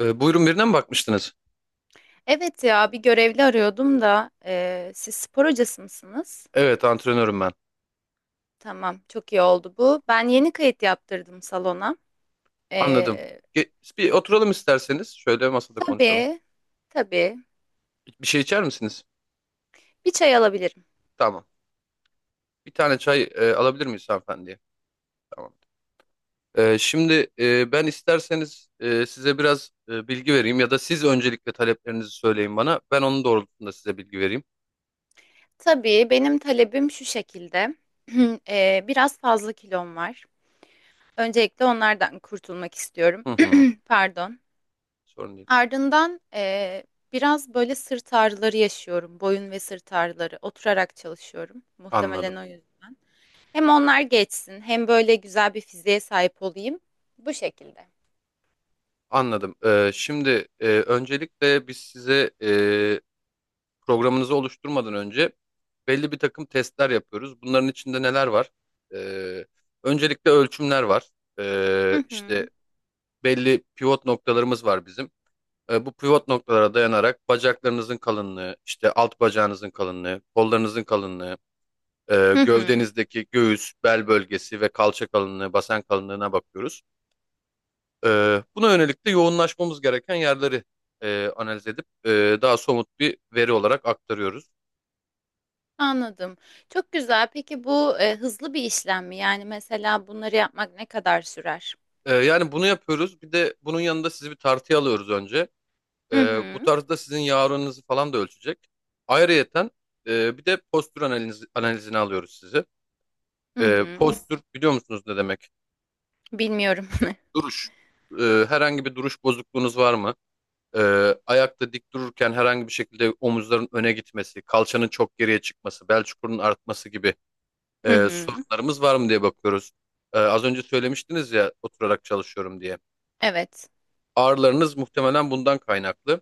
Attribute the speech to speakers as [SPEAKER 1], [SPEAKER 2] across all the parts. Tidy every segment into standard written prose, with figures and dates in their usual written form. [SPEAKER 1] Buyurun birine mi bakmıştınız?
[SPEAKER 2] Evet ya bir görevli arıyordum da siz spor hocası mısınız?
[SPEAKER 1] Evet, antrenörüm ben.
[SPEAKER 2] Tamam, çok iyi oldu bu. Ben yeni kayıt yaptırdım salona.
[SPEAKER 1] Anladım.
[SPEAKER 2] Eee
[SPEAKER 1] Ge- Bir oturalım isterseniz. Şöyle masada konuşalım.
[SPEAKER 2] tabii, tabii,
[SPEAKER 1] Bir şey içer misiniz?
[SPEAKER 2] bir çay alabilirim.
[SPEAKER 1] Tamam. Bir tane çay alabilir miyiz hanımefendiye? Tamam. Şimdi ben isterseniz size biraz bilgi vereyim ya da siz öncelikle taleplerinizi söyleyin bana. Ben onun doğrultusunda size bilgi vereyim.
[SPEAKER 2] Tabii, benim talebim şu şekilde. Biraz fazla kilom var. Öncelikle onlardan kurtulmak istiyorum.
[SPEAKER 1] Hı hı.
[SPEAKER 2] Pardon.
[SPEAKER 1] Sorun değil.
[SPEAKER 2] Ardından, biraz böyle sırt ağrıları yaşıyorum. Boyun ve sırt ağrıları. Oturarak çalışıyorum.
[SPEAKER 1] Anladım.
[SPEAKER 2] Muhtemelen o yüzden. Hem onlar geçsin, hem böyle güzel bir fiziğe sahip olayım. Bu şekilde.
[SPEAKER 1] Anladım. Şimdi öncelikle biz size programınızı oluşturmadan önce belli bir takım testler yapıyoruz. Bunların içinde neler var? Ee, Öncelikle ölçümler var.
[SPEAKER 2] Hı hı.
[SPEAKER 1] İşte belli pivot noktalarımız var bizim. Bu pivot noktalara dayanarak bacaklarınızın kalınlığı, işte alt bacağınızın kalınlığı, kollarınızın kalınlığı,
[SPEAKER 2] Hı hı.
[SPEAKER 1] gövdenizdeki göğüs, bel bölgesi ve kalça kalınlığı, basen kalınlığına bakıyoruz. Buna yönelik de yoğunlaşmamız gereken yerleri analiz edip daha somut bir veri olarak aktarıyoruz.
[SPEAKER 2] Anladım. Çok güzel. Peki bu hızlı bir işlem mi? Yani mesela bunları yapmak ne kadar sürer?
[SPEAKER 1] Yani bunu yapıyoruz. Bir de bunun yanında sizi bir tartıya alıyoruz önce.
[SPEAKER 2] Hı
[SPEAKER 1] Bu
[SPEAKER 2] hı.
[SPEAKER 1] tarzda sizin yağ oranınızı falan da ölçecek. Ayrıyeten bir de postür analizini alıyoruz sizi.
[SPEAKER 2] Hı hı.
[SPEAKER 1] Postür biliyor musunuz ne demek?
[SPEAKER 2] Bilmiyorum.
[SPEAKER 1] Duruş. Herhangi bir duruş bozukluğunuz var mı? Ayakta dik dururken herhangi bir şekilde omuzların öne gitmesi, kalçanın çok geriye çıkması, bel çukurunun artması gibi
[SPEAKER 2] Hı hı.
[SPEAKER 1] sorunlarımız var mı diye bakıyoruz. Az önce söylemiştiniz ya oturarak çalışıyorum diye.
[SPEAKER 2] Evet.
[SPEAKER 1] Ağrılarınız muhtemelen bundan kaynaklı.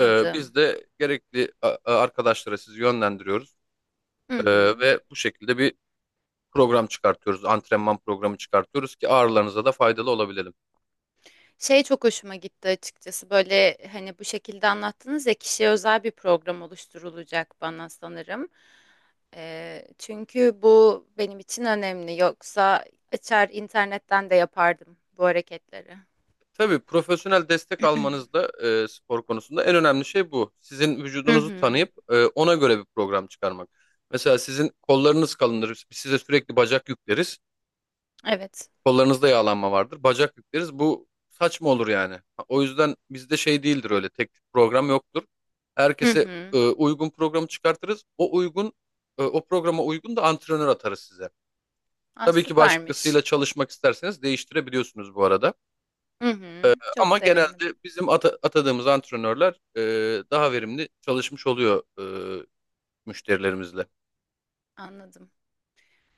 [SPEAKER 1] Biz de gerekli arkadaşlara sizi yönlendiriyoruz.
[SPEAKER 2] Hı
[SPEAKER 1] Ee,
[SPEAKER 2] hı.
[SPEAKER 1] Ve bu şekilde bir program çıkartıyoruz. Antrenman programı çıkartıyoruz ki ağrılarınıza da faydalı olabilelim.
[SPEAKER 2] Şey, çok hoşuma gitti açıkçası, böyle hani bu şekilde anlattınız ya, kişiye özel bir program oluşturulacak bana sanırım. Çünkü bu benim için önemli, yoksa açar internetten de yapardım bu hareketleri.
[SPEAKER 1] Tabii profesyonel destek almanız da spor konusunda en önemli şey bu. Sizin
[SPEAKER 2] Hı
[SPEAKER 1] vücudunuzu
[SPEAKER 2] hı,
[SPEAKER 1] tanıyıp ona göre bir program çıkarmak. Mesela sizin kollarınız kalındır. Biz size sürekli bacak yükleriz.
[SPEAKER 2] evet.
[SPEAKER 1] Kollarınızda yağlanma vardır. Bacak yükleriz. Bu saçma olur yani. Ha, o yüzden bizde şey değildir öyle. Tek tük program yoktur.
[SPEAKER 2] Hı
[SPEAKER 1] Herkese
[SPEAKER 2] hı.
[SPEAKER 1] uygun programı çıkartırız. O programa uygun da antrenör atarız size.
[SPEAKER 2] Aa,
[SPEAKER 1] Tabii ki
[SPEAKER 2] süpermiş.
[SPEAKER 1] başkasıyla çalışmak isterseniz değiştirebiliyorsunuz bu arada.
[SPEAKER 2] Hı hı.
[SPEAKER 1] E,
[SPEAKER 2] Çok
[SPEAKER 1] ama
[SPEAKER 2] sevindim.
[SPEAKER 1] genelde bizim atadığımız antrenörler daha verimli çalışmış oluyor e, müşterilerimizle.
[SPEAKER 2] Anladım.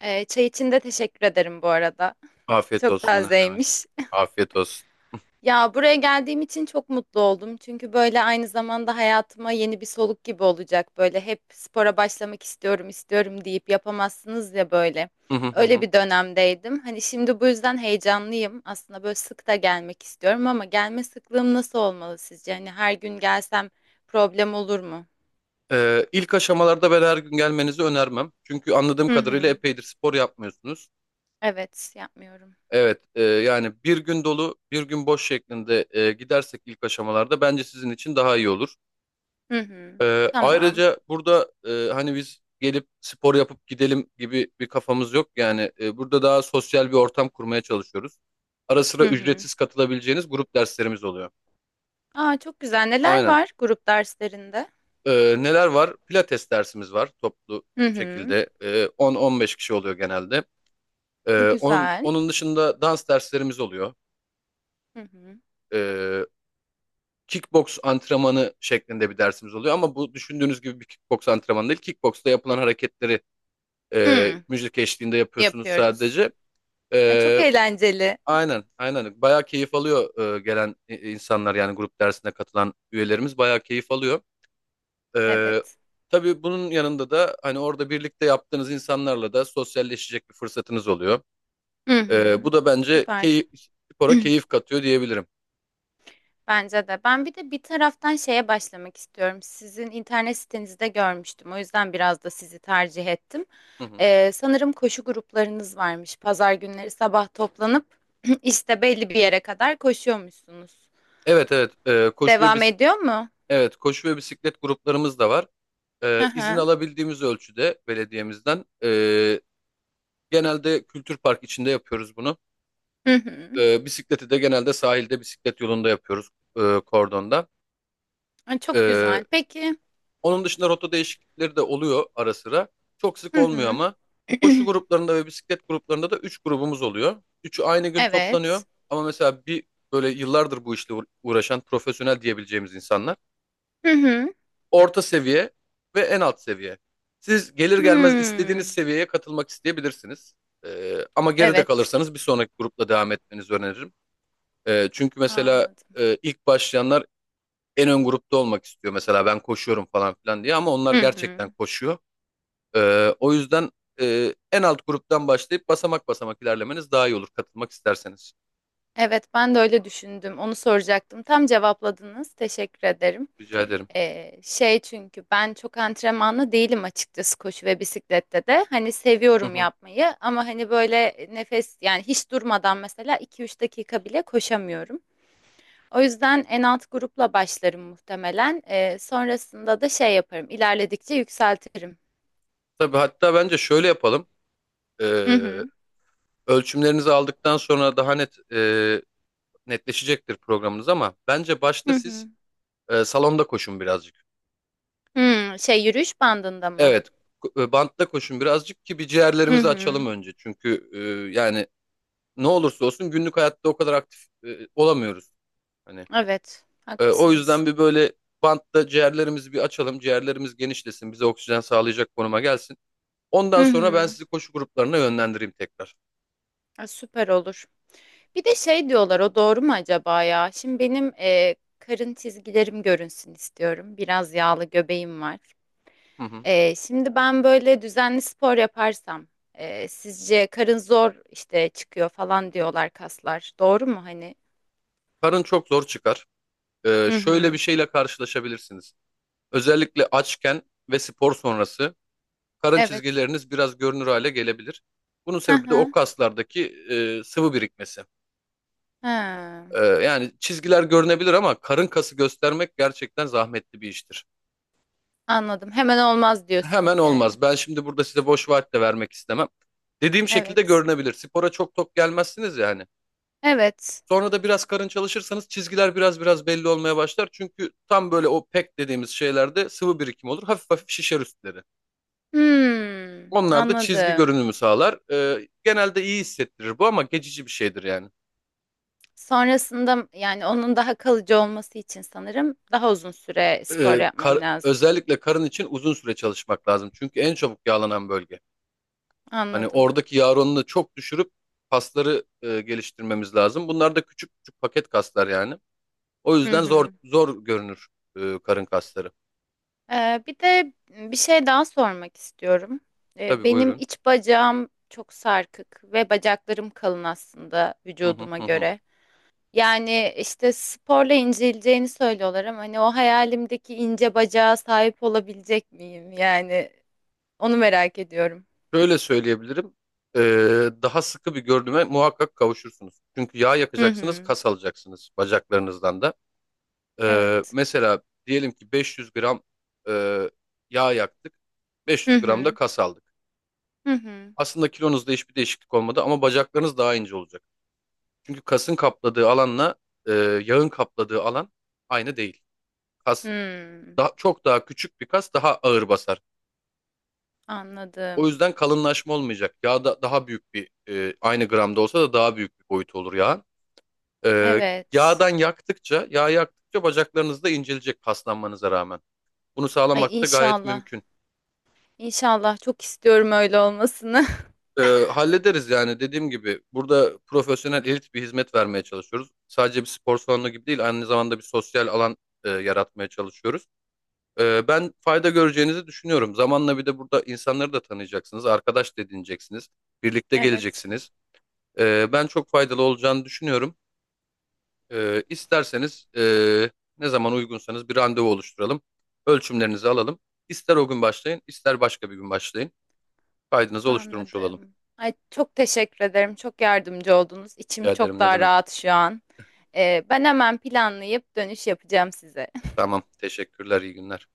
[SPEAKER 2] Çay için de teşekkür ederim bu arada.
[SPEAKER 1] Afiyet
[SPEAKER 2] Çok
[SPEAKER 1] olsun ne demek.
[SPEAKER 2] tazeymiş.
[SPEAKER 1] Afiyet olsun.
[SPEAKER 2] Ya, buraya geldiğim için çok mutlu oldum. Çünkü böyle aynı zamanda hayatıma yeni bir soluk gibi olacak. Böyle hep spora başlamak istiyorum, istiyorum deyip yapamazsınız ya böyle. Öyle bir dönemdeydim. Hani şimdi bu yüzden heyecanlıyım. Aslında böyle sık da gelmek istiyorum ama gelme sıklığım nasıl olmalı sizce? Hani her gün gelsem problem olur mu?
[SPEAKER 1] İlk aşamalarda ben her gün gelmenizi önermem. Çünkü anladığım
[SPEAKER 2] Hı
[SPEAKER 1] kadarıyla
[SPEAKER 2] hı.
[SPEAKER 1] epeydir spor yapmıyorsunuz.
[SPEAKER 2] Evet, yapmıyorum.
[SPEAKER 1] Evet, yani bir gün dolu, bir gün boş şeklinde gidersek ilk aşamalarda bence sizin için daha iyi olur.
[SPEAKER 2] Hı hı. Tamam.
[SPEAKER 1] Ayrıca burada hani biz gelip spor yapıp gidelim gibi bir kafamız yok. Yani burada daha sosyal bir ortam kurmaya çalışıyoruz. Ara sıra
[SPEAKER 2] Hı hı.
[SPEAKER 1] ücretsiz katılabileceğiniz grup derslerimiz oluyor.
[SPEAKER 2] Aa, çok güzel. Neler
[SPEAKER 1] Aynen.
[SPEAKER 2] var grup derslerinde?
[SPEAKER 1] Neler var? Pilates dersimiz var toplu
[SPEAKER 2] Hı hı.
[SPEAKER 1] şekilde. 10-15 kişi oluyor genelde. Onun
[SPEAKER 2] Güzel.
[SPEAKER 1] onun dışında dans derslerimiz oluyor.
[SPEAKER 2] Hı hı.
[SPEAKER 1] Ee, Kickbox antrenmanı şeklinde bir dersimiz oluyor ama bu düşündüğünüz gibi bir kickbox antrenmanı değil. Kickboxta yapılan hareketleri
[SPEAKER 2] Hmm,
[SPEAKER 1] müzik eşliğinde yapıyorsunuz
[SPEAKER 2] yapıyoruz.
[SPEAKER 1] sadece.
[SPEAKER 2] Ay, çok
[SPEAKER 1] Ee,
[SPEAKER 2] eğlenceli.
[SPEAKER 1] aynen. Bayağı keyif alıyor gelen insanlar yani grup dersine katılan üyelerimiz bayağı keyif alıyor. Ee,
[SPEAKER 2] Evet.
[SPEAKER 1] tabii bunun yanında da hani orada birlikte yaptığınız insanlarla da sosyalleşecek bir fırsatınız oluyor.
[SPEAKER 2] Hı hı.
[SPEAKER 1] Bu da bence
[SPEAKER 2] Süper.
[SPEAKER 1] spora keyif katıyor diyebilirim.
[SPEAKER 2] Bence de. Ben bir de bir taraftan şeye başlamak istiyorum. Sizin internet sitenizde görmüştüm. O yüzden biraz da sizi tercih ettim.
[SPEAKER 1] Hı hı.
[SPEAKER 2] Sanırım koşu gruplarınız varmış. Pazar günleri sabah toplanıp işte belli bir yere kadar koşuyormuşsunuz.
[SPEAKER 1] Evet, evet. Koşu ve
[SPEAKER 2] Devam
[SPEAKER 1] bis
[SPEAKER 2] ediyor mu?
[SPEAKER 1] Evet, koşu ve bisiklet gruplarımız da var.
[SPEAKER 2] Hı
[SPEAKER 1] İzin
[SPEAKER 2] hı.
[SPEAKER 1] alabildiğimiz ölçüde belediyemizden, genelde kültür park içinde yapıyoruz bunu.
[SPEAKER 2] Hı hı.
[SPEAKER 1] Bisikleti de genelde sahilde bisiklet yolunda yapıyoruz, kordonda.
[SPEAKER 2] Ay, çok
[SPEAKER 1] Ee,
[SPEAKER 2] güzel. Peki.
[SPEAKER 1] Onun dışında rota değişiklikleri de oluyor ara sıra. Çok sık
[SPEAKER 2] Hı
[SPEAKER 1] olmuyor
[SPEAKER 2] hı.
[SPEAKER 1] ama koşu gruplarında ve bisiklet gruplarında da 3 grubumuz oluyor. Üçü aynı gün toplanıyor
[SPEAKER 2] Evet.
[SPEAKER 1] ama mesela bir böyle yıllardır bu işle uğraşan profesyonel diyebileceğimiz insanlar,
[SPEAKER 2] Hı hı.
[SPEAKER 1] orta seviye ve en alt seviye. Siz gelir gelmez istediğiniz
[SPEAKER 2] Hmm.
[SPEAKER 1] seviyeye katılmak isteyebilirsiniz. Ama geride
[SPEAKER 2] Evet.
[SPEAKER 1] kalırsanız bir sonraki grupla devam etmenizi öneririm. Çünkü mesela
[SPEAKER 2] Anladım.
[SPEAKER 1] ilk başlayanlar en ön grupta olmak istiyor. Mesela ben koşuyorum falan filan diye ama onlar
[SPEAKER 2] Hı
[SPEAKER 1] gerçekten
[SPEAKER 2] hı.
[SPEAKER 1] koşuyor. O yüzden en alt gruptan başlayıp basamak basamak ilerlemeniz daha iyi olur katılmak isterseniz.
[SPEAKER 2] Evet, ben de öyle düşündüm. Onu soracaktım. Tam cevapladınız. Teşekkür ederim.
[SPEAKER 1] Rica ederim.
[SPEAKER 2] Şey, çünkü ben çok antrenmanlı değilim açıkçası, koşu ve bisiklette de. Hani
[SPEAKER 1] Hı
[SPEAKER 2] seviyorum
[SPEAKER 1] hı.
[SPEAKER 2] yapmayı ama hani böyle nefes, yani hiç durmadan mesela 2-3 dakika bile koşamıyorum. O yüzden en alt grupla başlarım muhtemelen. Sonrasında da şey yaparım. İlerledikçe yükseltirim.
[SPEAKER 1] Tabii hatta bence şöyle yapalım.
[SPEAKER 2] Hı
[SPEAKER 1] Ee,
[SPEAKER 2] hı.
[SPEAKER 1] Ölçümlerinizi aldıktan sonra daha netleşecektir programınız ama bence başta
[SPEAKER 2] Hı
[SPEAKER 1] siz
[SPEAKER 2] hı.
[SPEAKER 1] salonda koşun birazcık.
[SPEAKER 2] Hı, şey, yürüyüş bandında mı?
[SPEAKER 1] Evet, bantta koşun birazcık ki bir
[SPEAKER 2] Hı
[SPEAKER 1] ciğerlerimizi açalım
[SPEAKER 2] hı.
[SPEAKER 1] önce. Çünkü yani ne olursa olsun günlük hayatta o kadar aktif olamıyoruz. Hani
[SPEAKER 2] Evet,
[SPEAKER 1] o
[SPEAKER 2] haklısınız.
[SPEAKER 1] yüzden bir böyle bantta ciğerlerimizi bir açalım. Ciğerlerimiz genişlesin, bize oksijen sağlayacak konuma gelsin.
[SPEAKER 2] Hı
[SPEAKER 1] Ondan sonra ben
[SPEAKER 2] hı.
[SPEAKER 1] sizi koşu gruplarına yönlendireyim tekrar.
[SPEAKER 2] Ha, süper olur. Bir de şey diyorlar, o doğru mu acaba ya? Şimdi benim karın çizgilerim görünsün istiyorum. Biraz yağlı göbeğim var.
[SPEAKER 1] Hı hı.
[SPEAKER 2] E, şimdi ben böyle düzenli spor yaparsam sizce karın zor işte çıkıyor falan diyorlar kaslar. Doğru mu hani?
[SPEAKER 1] Karın çok zor çıkar. E,
[SPEAKER 2] Hı
[SPEAKER 1] şöyle bir
[SPEAKER 2] hı.
[SPEAKER 1] şeyle karşılaşabilirsiniz. Özellikle açken ve spor sonrası karın
[SPEAKER 2] Evet.
[SPEAKER 1] çizgileriniz biraz görünür hale gelebilir. Bunun
[SPEAKER 2] Hı
[SPEAKER 1] sebebi de o
[SPEAKER 2] hı.
[SPEAKER 1] kaslardaki sıvı birikmesi.
[SPEAKER 2] Ha.
[SPEAKER 1] E, yani çizgiler görünebilir ama karın kası göstermek gerçekten zahmetli bir iştir.
[SPEAKER 2] Anladım. Hemen olmaz
[SPEAKER 1] Hemen
[SPEAKER 2] diyorsunuz yani.
[SPEAKER 1] olmaz. Ben şimdi burada size boş vaat de vermek istemem. Dediğim şekilde
[SPEAKER 2] Evet.
[SPEAKER 1] görünebilir. Spora çok tok gelmezsiniz yani.
[SPEAKER 2] Evet.
[SPEAKER 1] Sonra da biraz karın çalışırsanız çizgiler biraz biraz belli olmaya başlar. Çünkü tam böyle o pek dediğimiz şeylerde sıvı birikim olur. Hafif hafif şişer üstleri.
[SPEAKER 2] Hmm,
[SPEAKER 1] Onlar da çizgi
[SPEAKER 2] anladım.
[SPEAKER 1] görünümü sağlar. E, genelde iyi hissettirir bu ama geçici bir şeydir yani.
[SPEAKER 2] Sonrasında, yani onun daha kalıcı olması için sanırım daha uzun süre spor yapmam lazım.
[SPEAKER 1] Özellikle karın için uzun süre çalışmak lazım. Çünkü en çabuk yağlanan bölge. Hani
[SPEAKER 2] Anladım.
[SPEAKER 1] oradaki yağ oranını çok düşürüp kasları geliştirmemiz lazım. Bunlar da küçük küçük paket kaslar yani. O
[SPEAKER 2] Hı
[SPEAKER 1] yüzden zor
[SPEAKER 2] hı.
[SPEAKER 1] zor görünür karın kasları.
[SPEAKER 2] Bir de bir şey daha sormak istiyorum.
[SPEAKER 1] Tabii
[SPEAKER 2] Benim
[SPEAKER 1] buyurun.
[SPEAKER 2] iç bacağım çok sarkık ve bacaklarım kalın aslında
[SPEAKER 1] Hı hı,
[SPEAKER 2] vücuduma
[SPEAKER 1] hı hı.
[SPEAKER 2] göre. Yani işte sporla inceleceğini söylüyorlar ama hani o hayalimdeki ince bacağa sahip olabilecek miyim? Yani onu merak ediyorum.
[SPEAKER 1] Şöyle söyleyebilirim. E, daha sıkı bir görünüme muhakkak kavuşursunuz. Çünkü yağ
[SPEAKER 2] Hı
[SPEAKER 1] yakacaksınız,
[SPEAKER 2] hı.
[SPEAKER 1] kas alacaksınız bacaklarınızdan da. E,
[SPEAKER 2] Evet.
[SPEAKER 1] mesela diyelim ki 500 gram e, yağ yaktık.
[SPEAKER 2] Hı
[SPEAKER 1] 500 gram da
[SPEAKER 2] hı.
[SPEAKER 1] kas aldık.
[SPEAKER 2] Hı hı.
[SPEAKER 1] Aslında kilonuzda hiçbir değişiklik olmadı ama bacaklarınız daha ince olacak. Çünkü kasın kapladığı alanla e, yağın kapladığı alan aynı değil. Kas
[SPEAKER 2] Hmm.
[SPEAKER 1] çok daha küçük bir kas daha ağır basar. O
[SPEAKER 2] Anladım.
[SPEAKER 1] yüzden kalınlaşma olmayacak. Yağ da daha büyük bir aynı gramda olsa da daha büyük bir boyut olur yağın. E,
[SPEAKER 2] Evet.
[SPEAKER 1] Yağ yaktıkça bacaklarınız da incelecek paslanmanıza rağmen. Bunu
[SPEAKER 2] Ay,
[SPEAKER 1] sağlamak da gayet
[SPEAKER 2] inşallah.
[SPEAKER 1] mümkün.
[SPEAKER 2] İnşallah, çok istiyorum öyle olmasını.
[SPEAKER 1] Ee, Hallederiz yani dediğim gibi burada profesyonel elit bir hizmet vermeye çalışıyoruz. Sadece bir spor salonu gibi değil aynı zamanda bir sosyal alan yaratmaya çalışıyoruz. Ben fayda göreceğinizi düşünüyorum. Zamanla bir de burada insanları da tanıyacaksınız, arkadaş da edineceksiniz, birlikte
[SPEAKER 2] Evet.
[SPEAKER 1] geleceksiniz. Ben çok faydalı olacağını düşünüyorum. İsterseniz ne zaman uygunsanız bir randevu oluşturalım. Ölçümlerinizi alalım. İster o gün başlayın, ister başka bir gün başlayın. Kaydınızı oluşturmuş olalım.
[SPEAKER 2] Anladım. Ay, çok teşekkür ederim. Çok yardımcı oldunuz. İçim
[SPEAKER 1] Rica
[SPEAKER 2] çok
[SPEAKER 1] ederim ne
[SPEAKER 2] daha
[SPEAKER 1] demek.
[SPEAKER 2] rahat şu an. Ben hemen planlayıp dönüş yapacağım size.
[SPEAKER 1] Tamam. Teşekkürler. İyi günler.